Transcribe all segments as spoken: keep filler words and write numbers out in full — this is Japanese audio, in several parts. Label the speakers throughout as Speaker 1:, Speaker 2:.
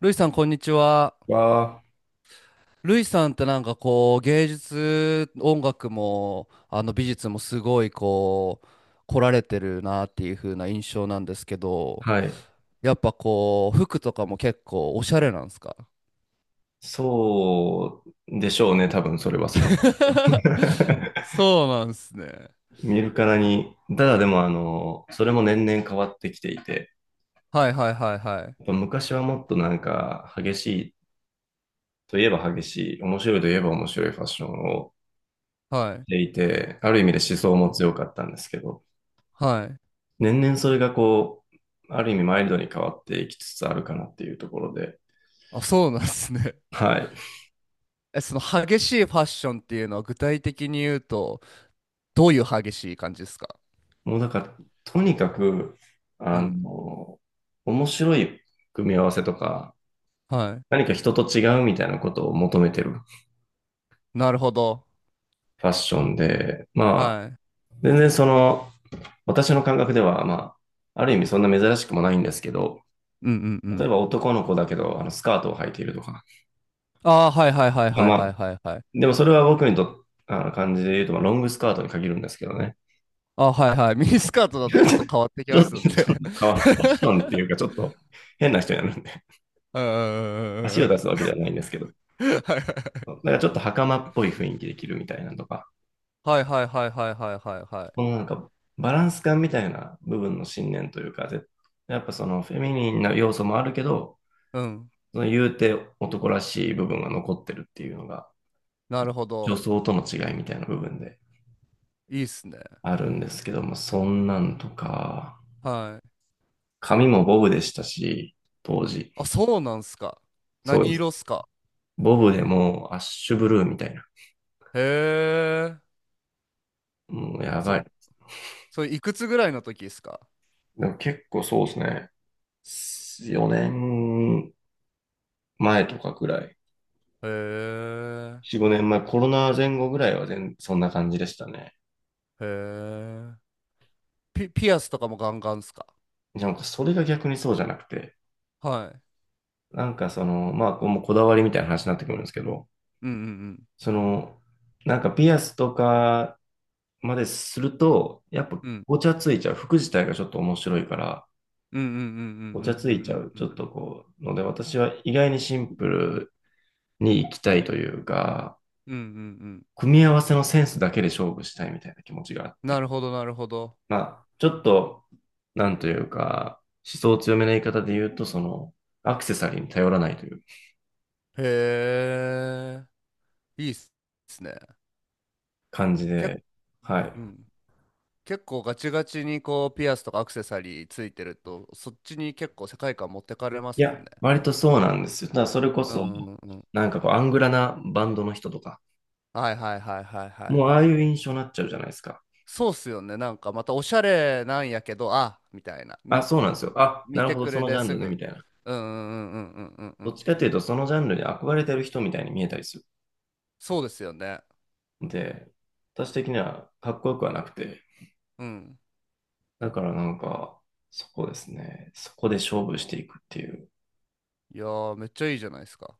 Speaker 1: ルイさん、こんにちは。
Speaker 2: わあ、
Speaker 1: ルイさんってなんかこう、芸術、音楽も、あの美術もすごいこう、来られてるなっていう風な印象なんですけど、
Speaker 2: はい。
Speaker 1: やっぱこう、服とかも結構おしゃれなんですか？
Speaker 2: そうでしょうね、多分それは外か ら。
Speaker 1: そうなんですね。
Speaker 2: 見るからに。ただでも、あの、それも年々変わってきていて、
Speaker 1: はいはいはいはい。
Speaker 2: やっぱ昔はもっとなんか激しいといえば激しい、面白いといえば面白いファッションを
Speaker 1: はい。
Speaker 2: していて、ある意味で思想
Speaker 1: う
Speaker 2: も
Speaker 1: ん
Speaker 2: 強かったんですけど、
Speaker 1: はい。
Speaker 2: 年々それがこう、ある意味マイルドに変わっていきつつあるかなっていうところで、
Speaker 1: あ、そうなんですね。
Speaker 2: はい。
Speaker 1: え、その激しいファッションっていうのは具体的に言うと、どういう激しい感じですか？
Speaker 2: もうなんか、とにかく、
Speaker 1: う
Speaker 2: あ
Speaker 1: ん。
Speaker 2: の、面白い組み合わせとか、
Speaker 1: は
Speaker 2: 何か人と違うみたいなことを求めてる
Speaker 1: い。なるほど。
Speaker 2: ファッションで、まあ、
Speaker 1: はい。
Speaker 2: 全然その、私の感覚では、まあ、ある意味そんな珍しくもないんですけど、
Speaker 1: うんうんう
Speaker 2: 例え
Speaker 1: ん。
Speaker 2: ば男の子だけど、あの、スカートを履いているとか、
Speaker 1: ああ、はいはいはいはい
Speaker 2: まあ、
Speaker 1: はいはいはい。
Speaker 2: でもそれは僕にと、あの、感じで言うと、まあ、ロングスカートに限るんですけどね。
Speaker 1: ああ、はいはい。ミニスカート だ
Speaker 2: ち
Speaker 1: と
Speaker 2: ょっ
Speaker 1: ちょっ
Speaker 2: と、
Speaker 1: と変わってき
Speaker 2: ちょ
Speaker 1: ま
Speaker 2: っ
Speaker 1: すんで。
Speaker 2: と変わる。ファッションっていうか、ちょっと変な人になるんで、
Speaker 1: うんうんうんう
Speaker 2: 足
Speaker 1: んう
Speaker 2: を出
Speaker 1: ん
Speaker 2: すわ
Speaker 1: う
Speaker 2: け
Speaker 1: ん。
Speaker 2: ではないんですけど。なんかちょっと袴っぽい雰囲気で着るみたいなとか、
Speaker 1: はいはいはいはいはいはいはいはい。
Speaker 2: このなんかバランス感みたいな部分の信念というか、やっぱそのフェミニンな要素もあるけど、
Speaker 1: うん。
Speaker 2: その言うて男らしい部分が残ってるっていうのが、
Speaker 1: なるほ
Speaker 2: 女
Speaker 1: ど。
Speaker 2: 装との違いみたいな部分で
Speaker 1: いいっすね。
Speaker 2: あるんですけども、そんなんとか、
Speaker 1: はい。
Speaker 2: 髪もボブでしたし、当時。
Speaker 1: あ、そうなんすか？
Speaker 2: そう
Speaker 1: 何
Speaker 2: です。
Speaker 1: 色っすか？
Speaker 2: ボブでもうアッシュブルーみたいな。
Speaker 1: へえ。
Speaker 2: もうやば
Speaker 1: そ、
Speaker 2: い。
Speaker 1: それいくつぐらいの時っすか？
Speaker 2: でも結構そうですね。よねんまえとかくらい。
Speaker 1: へえ。
Speaker 2: よん、ごねんまえ、コロナ前後ぐらいは全、そんな感じでしたね。
Speaker 1: へえ。ピ、ピアスとかもガンガンっすか？
Speaker 2: なんかそれが逆にそうじゃなくて、
Speaker 1: はい。
Speaker 2: なんかその、まあ、これもこだわりみたいな話になってくるんですけど、
Speaker 1: うんうん
Speaker 2: その、なんかピアスとかまですると、やっぱ
Speaker 1: うん。うん。
Speaker 2: ごちゃついちゃう。服自体がちょっと面白いから、
Speaker 1: うんうんうんうんうん
Speaker 2: ごちゃつ
Speaker 1: う
Speaker 2: いちゃ
Speaker 1: ん
Speaker 2: う。
Speaker 1: うんう
Speaker 2: ちょ
Speaker 1: ん。
Speaker 2: っとこう、ので、私は意外にシンプルに行きたいというか、
Speaker 1: うんうんうん。
Speaker 2: 組み合わせのセンスだけで勝負したいみたいな気持ちがあっ
Speaker 1: な
Speaker 2: て、
Speaker 1: るほど、なるほど。
Speaker 2: まあ、ちょっと、なんというか、思想強めな言い方で言うと、その、アクセサリーに頼らないという
Speaker 1: へえ、いいっすね。
Speaker 2: 感じ
Speaker 1: け、
Speaker 2: で、は
Speaker 1: う
Speaker 2: い。
Speaker 1: ん。結構ガチガチにこうピアスとかアクセサリーついてると、そっちに結構世界観持ってかれま
Speaker 2: い
Speaker 1: すもんね。
Speaker 2: や、割とそうなんですよ。ただ、それこ
Speaker 1: う
Speaker 2: そ、
Speaker 1: んうんうん。
Speaker 2: なんかこう、アングラなバンドの人とか、
Speaker 1: はいはいはいはいはい
Speaker 2: もうあ
Speaker 1: は
Speaker 2: あい
Speaker 1: い。
Speaker 2: う印象になっちゃうじゃないですか。
Speaker 1: そうっすよね。なんかまたおしゃれなんやけど、あ、みたいな。
Speaker 2: あ、
Speaker 1: み、
Speaker 2: そうなんですよ。あ、
Speaker 1: 見
Speaker 2: なる
Speaker 1: て
Speaker 2: ほど、
Speaker 1: く
Speaker 2: そ
Speaker 1: れ
Speaker 2: のジ
Speaker 1: で
Speaker 2: ャン
Speaker 1: す
Speaker 2: ルね、み
Speaker 1: ぐ。
Speaker 2: たいな。
Speaker 1: うんうんうんうんうんうんう
Speaker 2: どっ
Speaker 1: ん。
Speaker 2: ちかというと、そのジャンルに憧れてる人みたいに見えたりす
Speaker 1: そうですよね。
Speaker 2: る。で、私的にはかっこよくはなくて、
Speaker 1: うん。
Speaker 2: だからなんか、そこですね。そこで勝負していくっていう
Speaker 1: いやー、めっちゃいいじゃないですか。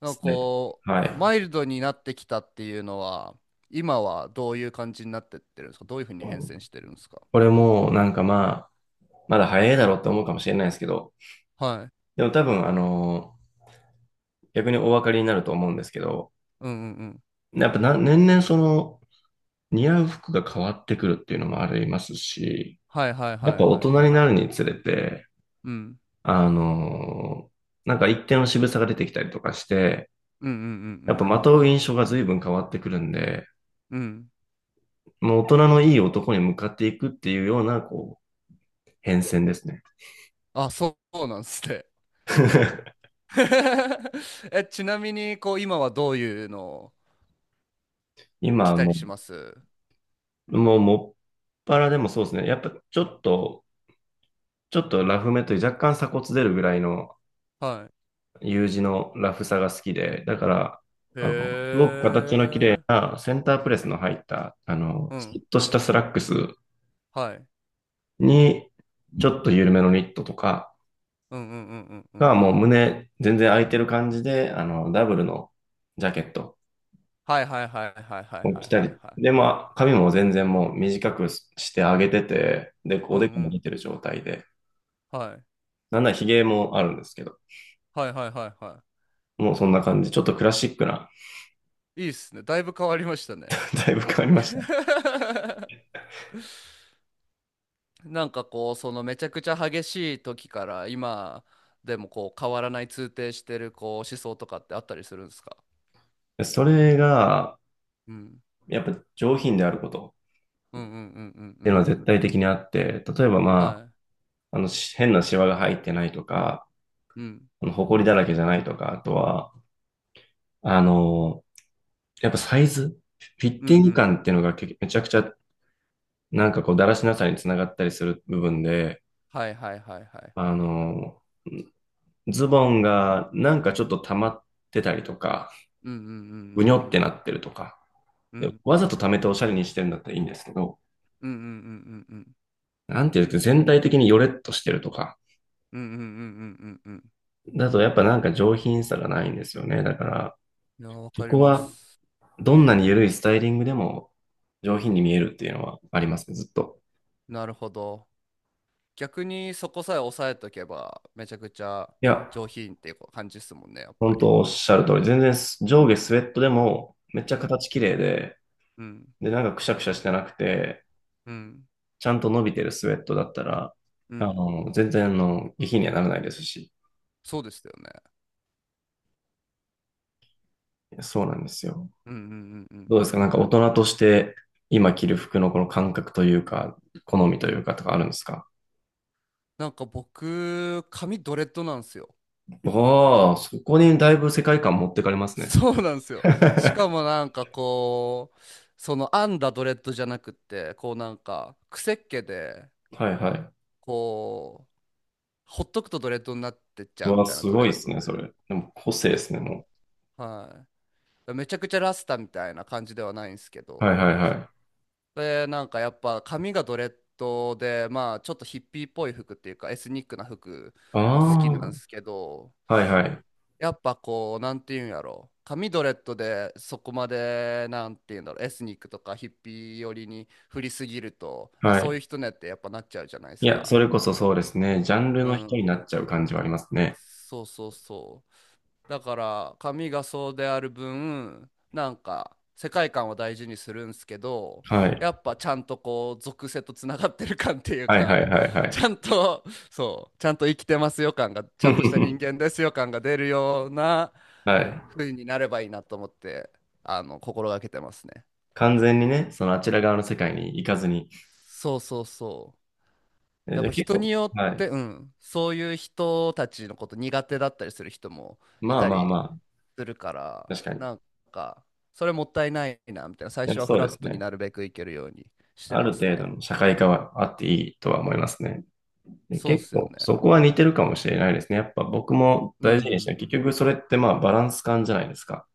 Speaker 1: なん
Speaker 2: ス
Speaker 1: か
Speaker 2: タイル。
Speaker 1: こ
Speaker 2: は
Speaker 1: う、
Speaker 2: い。
Speaker 1: マイルドになってきたっていうのは、今はどういう感じになってってるんですか？どういうふうに変遷してるんですか？
Speaker 2: これもなんかまあ、まだ早いだろうって思うかもしれないですけど、
Speaker 1: はい。
Speaker 2: でも多分あの、逆にお分かりになると思うんですけど、
Speaker 1: うんうんうん。
Speaker 2: やっぱな年々その似合う服が変わってくるっていうのもありますし、
Speaker 1: はいはい
Speaker 2: や
Speaker 1: は
Speaker 2: っ
Speaker 1: い
Speaker 2: ぱ大
Speaker 1: はい
Speaker 2: 人
Speaker 1: は
Speaker 2: に
Speaker 1: い。
Speaker 2: なるにつれて、
Speaker 1: うん。
Speaker 2: あの、なんか一定の渋さが出てきたりとかして、
Speaker 1: うんうんう
Speaker 2: やっぱ
Speaker 1: んう
Speaker 2: ま
Speaker 1: ん
Speaker 2: とう印象が随分変わってくるんで、
Speaker 1: うん。うん。
Speaker 2: もう大人のいい男に向かっていくっていうような、こう、変遷ですね。
Speaker 1: あ、そうなんすね。え、ちなみに、こう、今はどういうのを
Speaker 2: 今
Speaker 1: 着
Speaker 2: は
Speaker 1: たり
Speaker 2: も
Speaker 1: します？
Speaker 2: う、もうもぱらでもそうですね。やっぱちょっと、ちょっとラフめという若干鎖骨出るぐらいの
Speaker 1: はい。
Speaker 2: U 字のラフさが好きで、だから、
Speaker 1: へ
Speaker 2: あの、すごく形の綺麗
Speaker 1: え。
Speaker 2: なセンタープレスの入った、あの、
Speaker 1: う
Speaker 2: スッ
Speaker 1: ん。
Speaker 2: としたスラックス
Speaker 1: はい。
Speaker 2: に、ちょっと緩めのニットとか
Speaker 1: うんうんうんうんうん
Speaker 2: が
Speaker 1: う
Speaker 2: もう
Speaker 1: ん。
Speaker 2: 胸全然空いてる感じで、あの、ダブルのジャケット
Speaker 1: はいはいはいはいはい
Speaker 2: を
Speaker 1: は
Speaker 2: 着
Speaker 1: い
Speaker 2: た
Speaker 1: は
Speaker 2: り、
Speaker 1: いはい。
Speaker 2: で、まあ、髪も全然もう短くしてあげてて、で、
Speaker 1: う
Speaker 2: お
Speaker 1: んう
Speaker 2: でこも出
Speaker 1: ん。
Speaker 2: てる状態で、
Speaker 1: はい。
Speaker 2: なんなら髭もあるんですけど、
Speaker 1: はいはいはいはい。
Speaker 2: もうそんな感じ。ちょっとクラシックな、
Speaker 1: いいっすね。だいぶ変わりましたね。
Speaker 2: だいぶ変わりまし
Speaker 1: なんかこう、そのめちゃくちゃ激しい時から今でもこう変わらない通底してるこう思想とかってあったりするんですか？
Speaker 2: た。それが、
Speaker 1: うん。
Speaker 2: やっぱ上品であること
Speaker 1: うんうんうんうん
Speaker 2: っ
Speaker 1: う
Speaker 2: ていうの
Speaker 1: ん
Speaker 2: は
Speaker 1: う
Speaker 2: 絶
Speaker 1: ん。
Speaker 2: 対的にあって、例えばま
Speaker 1: は
Speaker 2: あ、あの、し変なシワが入ってないとか、
Speaker 1: い。うん。
Speaker 2: あの、埃だらけじゃないとか、あとは、あの、やっぱサイズ、フィッ
Speaker 1: うんう
Speaker 2: ティング
Speaker 1: ん。
Speaker 2: 感っていうのがけめちゃくちゃ、なんかこう、だらしなさにつながったりする部分で、
Speaker 1: はいはいはいはい
Speaker 2: あ
Speaker 1: はい。
Speaker 2: の、ズボンがなんかちょっと溜まってたりとか、
Speaker 1: うんうんう
Speaker 2: ぐに
Speaker 1: ん
Speaker 2: ょっ
Speaker 1: うん
Speaker 2: てなってるとか、
Speaker 1: うん
Speaker 2: で
Speaker 1: う
Speaker 2: わざと溜めておしゃれにしてるんだったらいいんですけど、
Speaker 1: んうんうんうんうんうん
Speaker 2: なんていうか、全体的にヨレッとしてるとか、
Speaker 1: うんうんうんうんうんうん。
Speaker 2: だとやっぱなんか上品さがないんですよね。だから、
Speaker 1: いや、わ
Speaker 2: そ
Speaker 1: かり
Speaker 2: こ
Speaker 1: ま
Speaker 2: は
Speaker 1: す。
Speaker 2: どんなに緩いスタイリングでも上品に見えるっていうのはありますね、ずっと。
Speaker 1: なるほど。逆にそこさえ抑えとけばめちゃくちゃ
Speaker 2: いや、
Speaker 1: 上品っていう感じですもんね、やっぱ
Speaker 2: 本
Speaker 1: り。
Speaker 2: 当おっしゃる通り、全然上下スウェットでもめっちゃ
Speaker 1: うん
Speaker 2: 形綺麗で、
Speaker 1: うん
Speaker 2: で、なんかくしゃくしゃしてなくて、
Speaker 1: うん
Speaker 2: ちゃんと伸びてるスウェットだったら、
Speaker 1: う
Speaker 2: あ
Speaker 1: ん。
Speaker 2: の、全然あの下品にはならないですし、
Speaker 1: そうですよね。
Speaker 2: そうなんですよ。
Speaker 1: うんうんうんうん
Speaker 2: どう
Speaker 1: う
Speaker 2: です
Speaker 1: ん
Speaker 2: かな
Speaker 1: う
Speaker 2: ん
Speaker 1: ん。
Speaker 2: か大人として今着る服のこの感覚というか、好みというかとかあるんですか？
Speaker 1: なんか僕髪ドレッドなんですよ。
Speaker 2: ああ、そこにだいぶ世界観持ってかれま すね。
Speaker 1: そうなんです よ。しか
Speaker 2: は
Speaker 1: もなんかこう、その編んだドレッドじゃなくって、こうなんか癖っ気で
Speaker 2: いはい。
Speaker 1: こうほっとくとドレッドになってっち
Speaker 2: う
Speaker 1: ゃうみ
Speaker 2: わ、
Speaker 1: たいな
Speaker 2: す
Speaker 1: ドレ
Speaker 2: ごいで
Speaker 1: ッ
Speaker 2: す
Speaker 1: ド
Speaker 2: ね、
Speaker 1: で、
Speaker 2: それ。でも個性ですね、も
Speaker 1: はい、めちゃくちゃラスタみたいな感じではないんですけ
Speaker 2: う。はい
Speaker 1: ど、
Speaker 2: はいはい。
Speaker 1: で、なんかやっぱ髪がドレッドで、まあちょっとヒッピーっぽい服っていうかエスニックな服
Speaker 2: あ
Speaker 1: も好きな
Speaker 2: あ、
Speaker 1: んですけど、
Speaker 2: はいはい。
Speaker 1: やっぱこう、なんていうんやろ、髪ドレッドでそこまで、なんていうんだろう、エスニックとかヒッピー寄りに振りすぎると、あ、
Speaker 2: は
Speaker 1: そうい
Speaker 2: い。
Speaker 1: う人ねってやっぱなっちゃうじゃないで
Speaker 2: い
Speaker 1: す
Speaker 2: や、そ
Speaker 1: か。
Speaker 2: れこそそうですね。ジャンル
Speaker 1: う
Speaker 2: の人になっ
Speaker 1: ん。
Speaker 2: ちゃう感じはありますね。
Speaker 1: そうそうそう。だから髪がそうである分なんか世界観を大事にするんすけど、
Speaker 2: はい。
Speaker 1: やっぱちゃんとこう属性とつながってる感っていう
Speaker 2: はいはい
Speaker 1: か、
Speaker 2: はいは
Speaker 1: ち
Speaker 2: い。
Speaker 1: ゃんと、そう、ちゃんと生きてますよ感が、ちゃんとした人 間ですよ感が出るような
Speaker 2: はい。
Speaker 1: 風になればいいなと思って、あの心がけてますね。
Speaker 2: 完全にね、そのあちら側の世界に行かずに。
Speaker 1: そうそうそう。
Speaker 2: え
Speaker 1: や
Speaker 2: じ
Speaker 1: っ
Speaker 2: ゃあ
Speaker 1: ぱ
Speaker 2: 結
Speaker 1: 人に
Speaker 2: 構、
Speaker 1: よ
Speaker 2: は
Speaker 1: って、う
Speaker 2: い。
Speaker 1: ん、そういう人たちのこと苦手だったりする人もい
Speaker 2: まあ
Speaker 1: た
Speaker 2: まあま
Speaker 1: り
Speaker 2: あ、
Speaker 1: するから、
Speaker 2: 確かに。
Speaker 1: なんかそれもったいないなみたいな、最
Speaker 2: い
Speaker 1: 初
Speaker 2: や
Speaker 1: はフ
Speaker 2: そうで
Speaker 1: ラッ
Speaker 2: す
Speaker 1: トに
Speaker 2: ね。
Speaker 1: なるべくいけるようにして
Speaker 2: あ
Speaker 1: ま
Speaker 2: る
Speaker 1: す
Speaker 2: 程度
Speaker 1: ね。
Speaker 2: の社会化はあっていいとは思いますね。で、
Speaker 1: そうっ
Speaker 2: 結
Speaker 1: すよ
Speaker 2: 構
Speaker 1: ね。
Speaker 2: そこは似てるかもしれないですね。やっぱ僕も
Speaker 1: う
Speaker 2: 大事にして、結
Speaker 1: ん
Speaker 2: 局それってまあバランス感じゃないですか。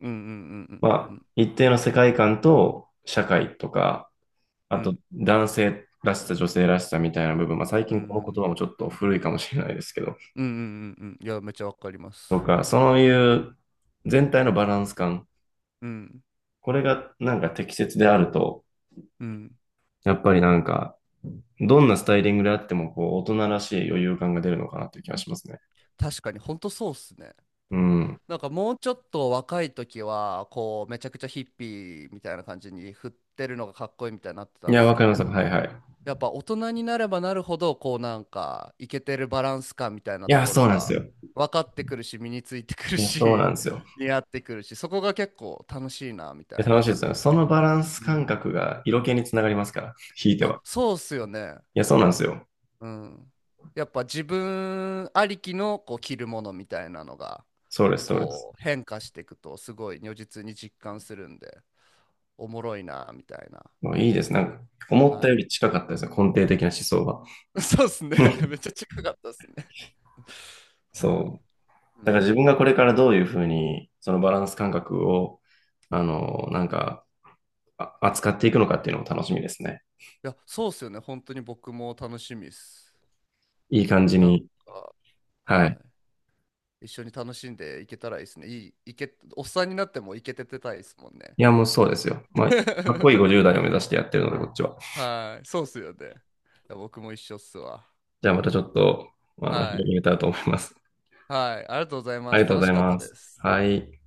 Speaker 1: うんうんうんうんう
Speaker 2: まあ
Speaker 1: ん
Speaker 2: 一定の世界観と社会とか、
Speaker 1: う
Speaker 2: あと
Speaker 1: ん
Speaker 2: 男性らしさ、女性らしさみたいな部分、まあ最
Speaker 1: うん
Speaker 2: 近この言葉も
Speaker 1: うん
Speaker 2: ちょっと古いかもしれないですけど、
Speaker 1: うんうんうんうん、いや、めっちゃわかりま
Speaker 2: と
Speaker 1: す。
Speaker 2: か、そういう全体のバランス感、
Speaker 1: うん
Speaker 2: これがなんか適切であると、
Speaker 1: うん。
Speaker 2: やっぱりなんかどんなスタイリングであっても、こう、大人らしい余裕感が出るのかなという気がしますね。
Speaker 1: 確かにほんとそうっすね。
Speaker 2: うん。
Speaker 1: なんかもうちょっと若い時はこうめちゃくちゃヒッピーみたいな感じに振ってるのがかっこいいみたいになって
Speaker 2: い
Speaker 1: たん
Speaker 2: や、
Speaker 1: です
Speaker 2: わか
Speaker 1: け
Speaker 2: ります。
Speaker 1: ど、
Speaker 2: はいはい。
Speaker 1: やっぱ大人になればなるほどこうなんかイケてるバランス感みたい
Speaker 2: い
Speaker 1: なと
Speaker 2: や、
Speaker 1: こ
Speaker 2: そ
Speaker 1: ろ
Speaker 2: うなんです
Speaker 1: が
Speaker 2: よ。
Speaker 1: 分かってくるし、身についてくる
Speaker 2: いや、そうなん
Speaker 1: し、
Speaker 2: ですよ。
Speaker 1: 似合ってくるし、そこが結構楽しいなみ
Speaker 2: い
Speaker 1: た
Speaker 2: や、
Speaker 1: い
Speaker 2: 楽しい
Speaker 1: な。
Speaker 2: ですよね。そのバランス
Speaker 1: うん。
Speaker 2: 感
Speaker 1: い
Speaker 2: 覚が色気につながりますから、引いて
Speaker 1: や、
Speaker 2: は。
Speaker 1: そうっすよね。
Speaker 2: いや、そうなんですよ。
Speaker 1: うん。やっぱ自分ありきのこう着るものみたいなのが
Speaker 2: そうです、そうです。
Speaker 1: こう変化していくとすごい如実に実感するんで、おもろいなみたいな。
Speaker 2: もういいです。なんか、思っ
Speaker 1: は
Speaker 2: たより近かったですね。根底的な思想が。
Speaker 1: い。そうっすね。めっちゃ近かったっすね。そ
Speaker 2: そう。
Speaker 1: う。うんう
Speaker 2: だ
Speaker 1: んう
Speaker 2: から自分が
Speaker 1: ん。
Speaker 2: これからどういうふうに、そのバランス感覚を、あの、なんか、あ扱っていくのかっていうのも楽しみですね。
Speaker 1: いや、そうっすよね。本当に僕も楽しみです。
Speaker 2: いい感じ
Speaker 1: なん
Speaker 2: に、
Speaker 1: か、
Speaker 2: は
Speaker 1: は
Speaker 2: い。
Speaker 1: い。一緒に楽しんでいけたらいいですね。いい、いけ、おっさんになってもいけててたいですもんね。
Speaker 2: いや、もうそうですよ。まあ、かっこいい ごじゅうだい代を目指してやってるので、こっちは。
Speaker 1: はい。そうっすよね。いや、僕も一緒っすわ。
Speaker 2: じゃあまたちょっと、あの、
Speaker 1: は
Speaker 2: 広
Speaker 1: い。
Speaker 2: げたいと思います。
Speaker 1: はい。ありがとうござい
Speaker 2: あ
Speaker 1: ま
Speaker 2: り
Speaker 1: す。
Speaker 2: がとう
Speaker 1: 楽
Speaker 2: ご
Speaker 1: し
Speaker 2: ざい
Speaker 1: かった
Speaker 2: ま
Speaker 1: で
Speaker 2: す。
Speaker 1: す。
Speaker 2: はい。